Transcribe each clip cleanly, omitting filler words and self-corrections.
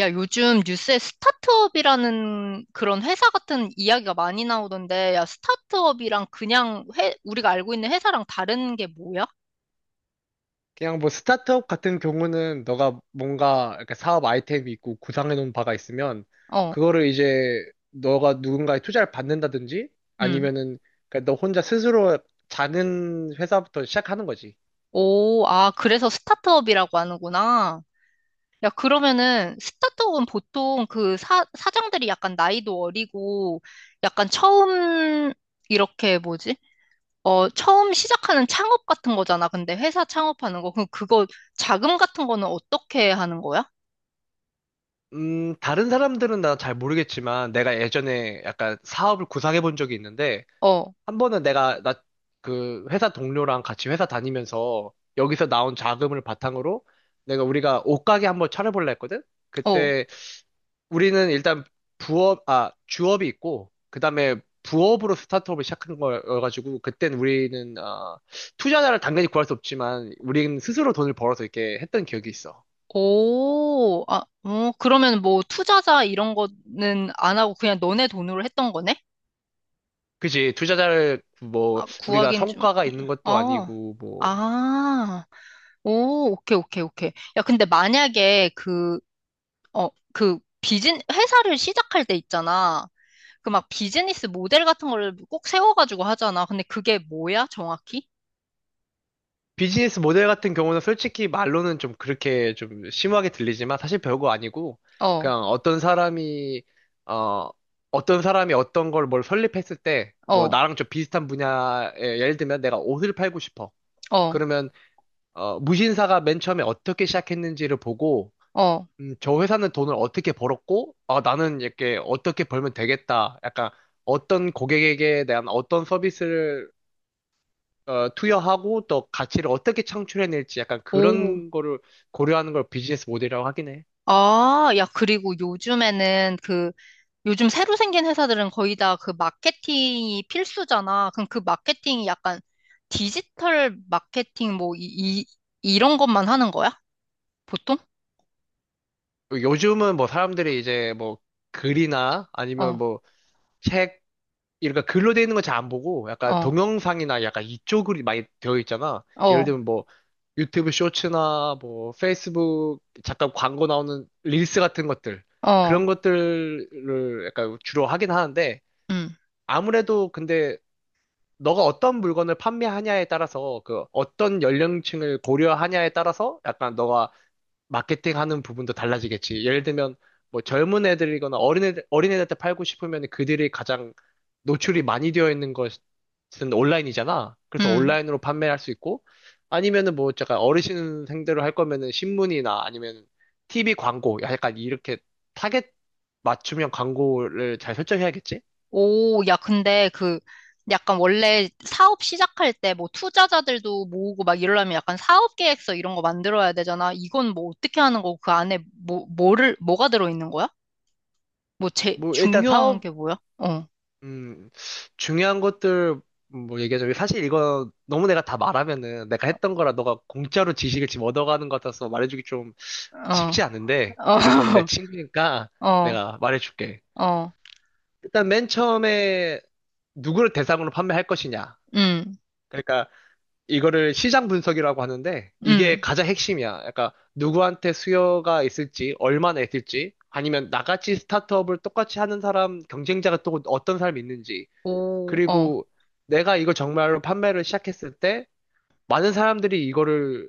야, 요즘 뉴스에 스타트업이라는 그런 회사 같은 이야기가 많이 나오던데, 야, 스타트업이랑 그냥 우리가 알고 있는 회사랑 다른 게 뭐야? 그냥 뭐 스타트업 같은 경우는 너가 뭔가 이렇게 사업 아이템이 있고 구상해 놓은 바가 있으면, 어, 그거를 이제 너가 누군가의 투자를 받는다든지, 음. 아니면은 그러니까 너 혼자 스스로 자는 회사부터 시작하는 거지. 오, 아, 그래서 스타트업이라고 하는구나. 야, 그러면은 스타트업은 보통 그 사장들이 약간 나이도 어리고, 약간 처음, 이렇게 뭐지? 어, 처음 시작하는 창업 같은 거잖아. 근데 회사 창업하는 거. 그럼 그거 자금 같은 거는 어떻게 하는 거야? 다른 사람들은 나 잘 모르겠지만, 내가 예전에 약간 사업을 구상해 본 적이 있는데, 어, 한 번은 내가 나 그 회사 동료랑 같이 회사 다니면서 여기서 나온 자금을 바탕으로 내가 우리가 옷가게 한번 차려볼라 했거든? 어. 그때 우리는 일단 주업이 있고, 그 다음에 부업으로 스타트업을 시작한 거여가지고, 그땐 우리는 투자자를 당연히 구할 수 없지만, 우리는 스스로 돈을 벌어서 이렇게 했던 기억이 있어. 오, 아, 어, 그러면 뭐 투자자 이런 거는 안 하고 그냥 너네 돈으로 했던 거네? 그지? 투자자를, 뭐, 아, 우리가 구하긴 좀, 성과가 예. 있는 것도 어, 아니고, 뭐. 아, 오, 오케이, 오케이, 오케이. 야, 근데 만약에 그, 어, 그 회사를 시작할 때 있잖아. 그 막 비즈니스 모델 같은 거를 꼭 세워가지고 하잖아. 근데 그게 뭐야, 정확히? 비즈니스 모델 같은 경우는 솔직히 말로는 좀 그렇게 좀 심하게 들리지만, 사실 별거 아니고 어, 그냥 어 어떤 사람이 어떤 걸 뭘 설립했을 때, 뭐 어, 나랑 좀 비슷한 분야에, 예를 들면 내가 옷을 팔고 싶어. 어, 그러면 무신사가 맨 처음에 어떻게 시작했는지를 보고, 어, 저 회사는 돈을 어떻게 벌었고, 아 나는 이렇게 어떻게 벌면 되겠다, 약간 어떤 고객에게 대한 어떤 서비스를 투여하고, 또 가치를 어떻게 창출해낼지, 약간 오. 그런 거를 고려하는 걸 비즈니스 모델이라고 하긴 해. 아, 야, 그리고 요즘에는 그 요즘 새로 생긴 회사들은 거의 다 그 마케팅이 필수잖아. 그럼 그 마케팅이 약간 디지털 마케팅 뭐 이런 것만 하는 거야? 보통? 요즘은 뭐 사람들이 이제 뭐 글이나 아니면 어, 뭐 책, 그러니까 글로 되어 있는 거 잘 안 보고 약간 어, 동영상이나 약간 이쪽으로 많이 되어 있잖아. 예를 어, 들면 뭐 유튜브 쇼츠나 뭐 페이스북 잠깐 광고 나오는 릴스 같은 것들, 어, 그런 것들을 약간 주로 하긴 하는데, 음, 아무래도 근데 너가 어떤 물건을 판매하냐에 따라서, 그 어떤 연령층을 고려하냐에 따라서 약간 너가 마케팅하는 부분도 달라지겠지. 예를 들면 뭐 젊은 애들이거나 어린애들한테 팔고 싶으면, 그들이 가장 노출이 많이 되어 있는 것은 온라인이잖아. 그래서 음. 온라인으로 판매할 수 있고, 아니면은 뭐 약간 어르신 생대로 할 거면은 신문이나 아니면 TV 광고 약간 이렇게 타겟 맞춤형 광고를 잘 설정해야겠지. 오, 야, 근데 그 약간 원래 사업 시작할 때 뭐 투자자들도 모으고 막 이러려면 약간 사업 계획서 이런 거 만들어야 되잖아. 이건 뭐 어떻게 하는 거고 그 안에 뭐가 들어있는 거야? 뭐 뭐 일단 중요한 사업, 게 뭐야? 어, 음, 중요한 것들, 뭐 얘기하자면, 사실 이거 너무 내가 다 말하면은 내가 했던 거라 너가 공짜로 지식을 지금 얻어가는 것 같아서 말해주기 좀 어, 쉽지 않은데, 그래도 내 어. 친구니까 어, 내가 말해줄게. 어, 일단 맨 처음에 누구를 대상으로 판매할 것이냐. 음, 그러니까 이거를 시장 분석이라고 하는데, 이게 음, 가장 핵심이야. 그러니까 누구한테 수요가 있을지, 얼마나 있을지, 아니면 나같이 스타트업을 똑같이 하는 사람, 경쟁자가 또 어떤 사람이 있는지. 오, 어, 그리고 내가 이걸 정말로 판매를 시작했을 때 많은 사람들이 이거를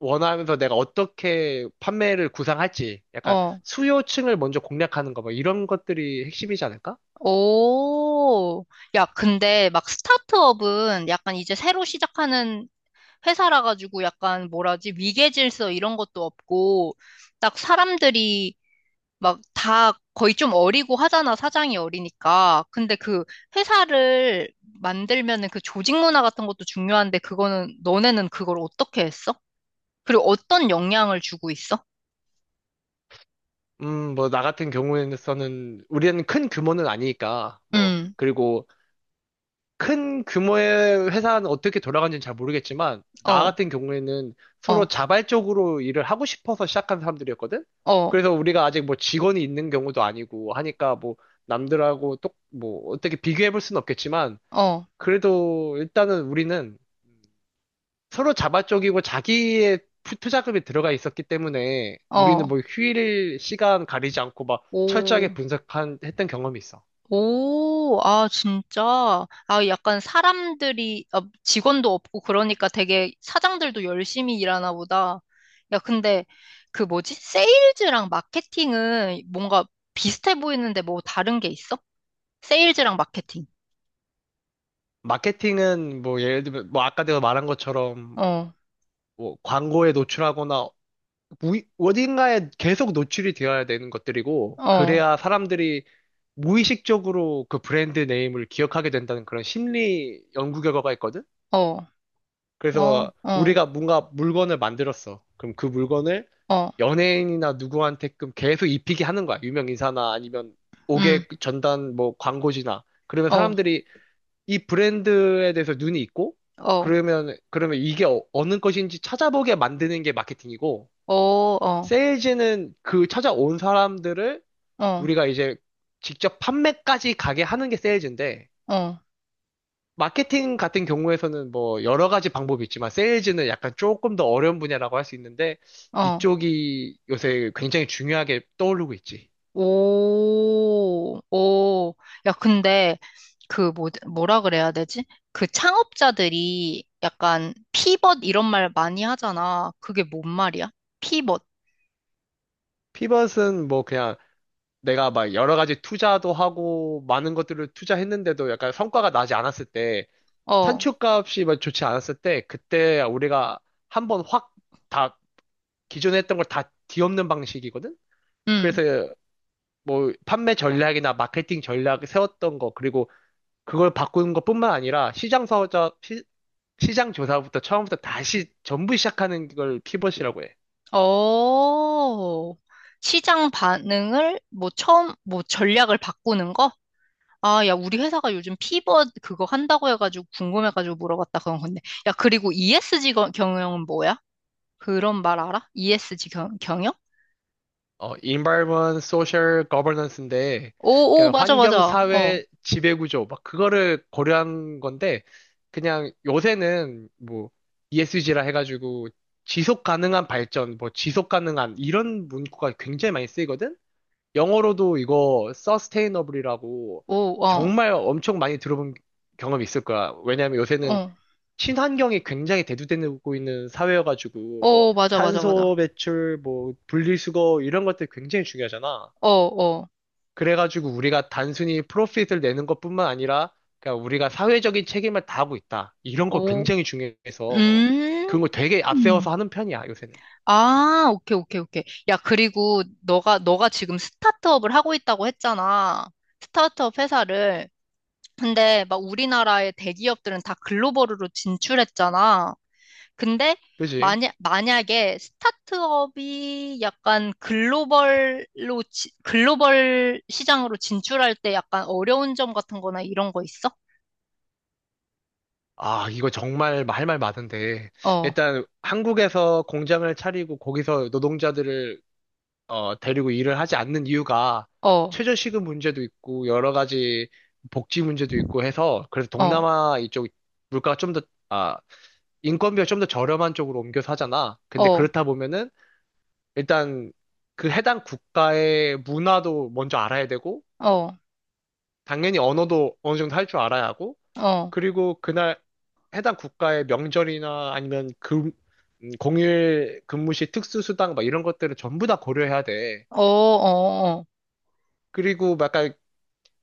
원하면서 내가 어떻게 판매를 구상할지, 약간 어, 수요층을 먼저 공략하는 거, 뭐 이런 것들이 핵심이지 않을까? 오. 야, 근데 막 스타트업은 약간 이제 새로 시작하는 회사라 가지고 약간 뭐라지, 위계 질서 이런 것도 없고, 딱 사람들이 막 다 거의 좀 어리고 하잖아, 사장이 어리니까. 근데 그 회사를 만들면은 그 조직 문화 같은 것도 중요한데, 그거는, 너네는 그걸 어떻게 했어? 그리고 어떤 영향을 주고 있어? 뭐 나 같은 경우에는 우리는 큰 규모는 아니니까, 뭐 음, 그리고 큰 규모의 회사는 어떻게 돌아가는지는 잘 모르겠지만, 나 어. 같은 경우에는 서로 어. 자발적으로 일을 하고 싶어서 시작한 사람들이었거든? 어, 그래서 우리가 아직 뭐 직원이 있는 경우도 아니고 하니까, 뭐 남들하고 뭐 어떻게 비교해 볼 수는 없겠지만, 어, 그래도 일단은 우리는 서로 자발적이고 자기의 투자금이 들어가 있었기 때문에, 우리는 어. 뭐 휴일 시간 가리지 않고 막 오, 철저하게 했던 경험이 있어. 오, 아, 진짜. 아, 약간 사람들이, 아, 직원도 없고 그러니까 되게 사장들도 열심히 일하나 보다. 야, 근데 그 뭐지? 세일즈랑 마케팅은 뭔가 비슷해 보이는데 뭐 다른 게 있어? 세일즈랑 마케팅. 마케팅은, 뭐 예를 들면 뭐 아까 내가 말한 것처럼, 어, 뭐 광고에 노출하거나 어딘가에 계속 노출이 되어야 되는 것들이고, 어, 그래야 사람들이 무의식적으로 그 브랜드 네임을 기억하게 된다는 그런 심리 연구 결과가 있거든. 어, 그래서 어, 어, 우리가 뭔가 물건을 만들었어. 그럼 그 물건을 어, 연예인이나 누구한테끔 계속 입히게 하는 거야. 유명 인사나 아니면 음, 옥외 전단 뭐 광고지나. 그러면 어, 사람들이 이 브랜드에 대해서 눈이 있고, 어, 그러면 이게 어느 것인지 찾아보게 만드는 게 마케팅이고, 어, 어, 세일즈는 그 찾아온 사람들을 어, 우리가 이제 직접 판매까지 가게 하는 게 세일즈인데, 어, 마케팅 같은 경우에서는 뭐 여러 가지 방법이 있지만, 세일즈는 약간 조금 더 어려운 분야라고 할 수 있는데, 어. 이쪽이 요새 굉장히 중요하게 떠오르고 있지. 오, 오. 야, 근데 그 뭐라 그래야 되지? 그 창업자들이 약간 피벗 이런 말 많이 하잖아. 그게 뭔 말이야? 피벗. 피벗은 뭐 그냥 내가 막 여러 가지 투자도 하고, 많은 것들을 투자했는데도 약간 성과가 나지 않았을 때, 어, 산출값이 막 좋지 않았을 때, 그때 우리가 한번 확다 기존에 했던 걸 다 뒤엎는 방식이거든? 음. 그래서 뭐 판매 전략이나 마케팅 전략 세웠던 거, 그리고 그걸 바꾸는 것뿐만 아니라 시장 조사부터 처음부터 다시 전부 시작하는 걸 피벗이라고 해. 어. 시장 반응을 뭐 처음 뭐 전략을 바꾸는 거? 아, 야, 우리 회사가 요즘 피벗 그거 한다고 해가지고 궁금해가지고 물어봤다 그런 건데. 야, 그리고 ESG 경영은 뭐야? 그런 말 알아? ESG 경영? Environment, social, governance인데, 오, 오, 그러니까 맞아, 환경, 맞아. 어, 사회, 지배구조, 막 그거를 고려한 건데, 그냥 요새는 뭐 ESG라 해가지고 지속 가능한 발전, 뭐 지속 가능한 이런 문구가 굉장히 많이 쓰이거든? 영어로도 이거 서스테이너블이라고 오, 어, 정말 엄청 많이 들어본 경험이 있을 거야. 왜냐하면 요새는 어, 친환경이 굉장히 대두되고 있는 사회여가지고, 뭐 오, 맞아, 맞아, 탄소 맞아. 배출, 뭐 분리수거 이런 것들 굉장히 중요하잖아. 어, 어, 그래가지고 우리가 단순히 프로핏을 내는 것뿐만 아니라, 그러니까 우리가 사회적인 책임을 다하고 있다, 이런 거 오, 굉장히 중요해서 음. 그런 거 되게 앞세워서 하는 편이야, 요새는. 아, 오케이, 오케이, 오케이. 야, 그리고 너가 지금 스타트업을 하고 있다고 했잖아. 스타트업 회사를. 근데 막 우리나라의 대기업들은 다 글로벌으로 진출했잖아. 근데 그지? 만약에 스타트업이 약간 글로벌 시장으로 진출할 때 약간 어려운 점 같은 거나 이런 거 있어? 아, 이거 정말 할 말 많은데. 어, 일단 한국에서 공장을 차리고 거기서 노동자들을 데리고 일을 하지 않는 이유가, 어, 최저시급 문제도 있고 여러 가지 복지 문제도 있고 해서, 그래서 어, 동남아 이쪽 물가가 좀 더, 아, 인건비가 좀 더 저렴한 쪽으로 옮겨서 하잖아. 근데 어, 그렇다 보면은 일단 그 해당 국가의 문화도 먼저 알아야 되고, 어, 당연히 언어도 어느 정도 할 줄 알아야 하고, 어, 그리고 그날 해당 국가의 명절이나 아니면 공휴일 근무 시 특수수당 막 이런 것들을 전부 다 고려해야 돼. 어, 어, 어, 그리고 막 약간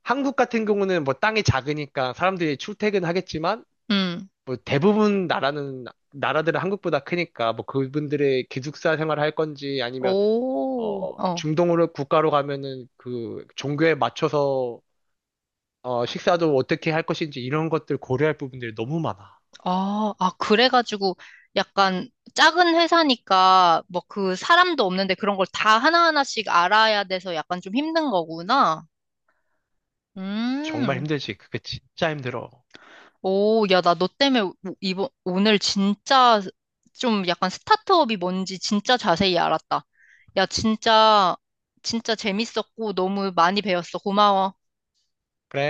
한국 같은 경우는 뭐 땅이 작으니까 사람들이 출퇴근하겠지만, 음, 뭐 대부분 나라는 나라들은 한국보다 크니까 뭐 그분들의 기숙사 생활을 할 건지, 아니면 오, 어, 중동으로 국가로 가면은 그 종교에 맞춰서 식사도 어떻게 할 것인지, 이런 것들 고려할 부분들이 너무 많아. 아, 아, 그래가지고 약간 작은 회사니까 뭐 그 사람도 없는데 그런 걸 다 하나하나씩 알아야 돼서 약간 좀 힘든 거구나. 정말 음. 힘들지. 그게 진짜 힘들어. 오, 야, 나 너 때문에 이번, 오늘 진짜 좀 약간 스타트업이 뭔지 진짜 자세히 알았다. 야, 진짜, 진짜 재밌었고 너무 많이 배웠어. 고마워. 그래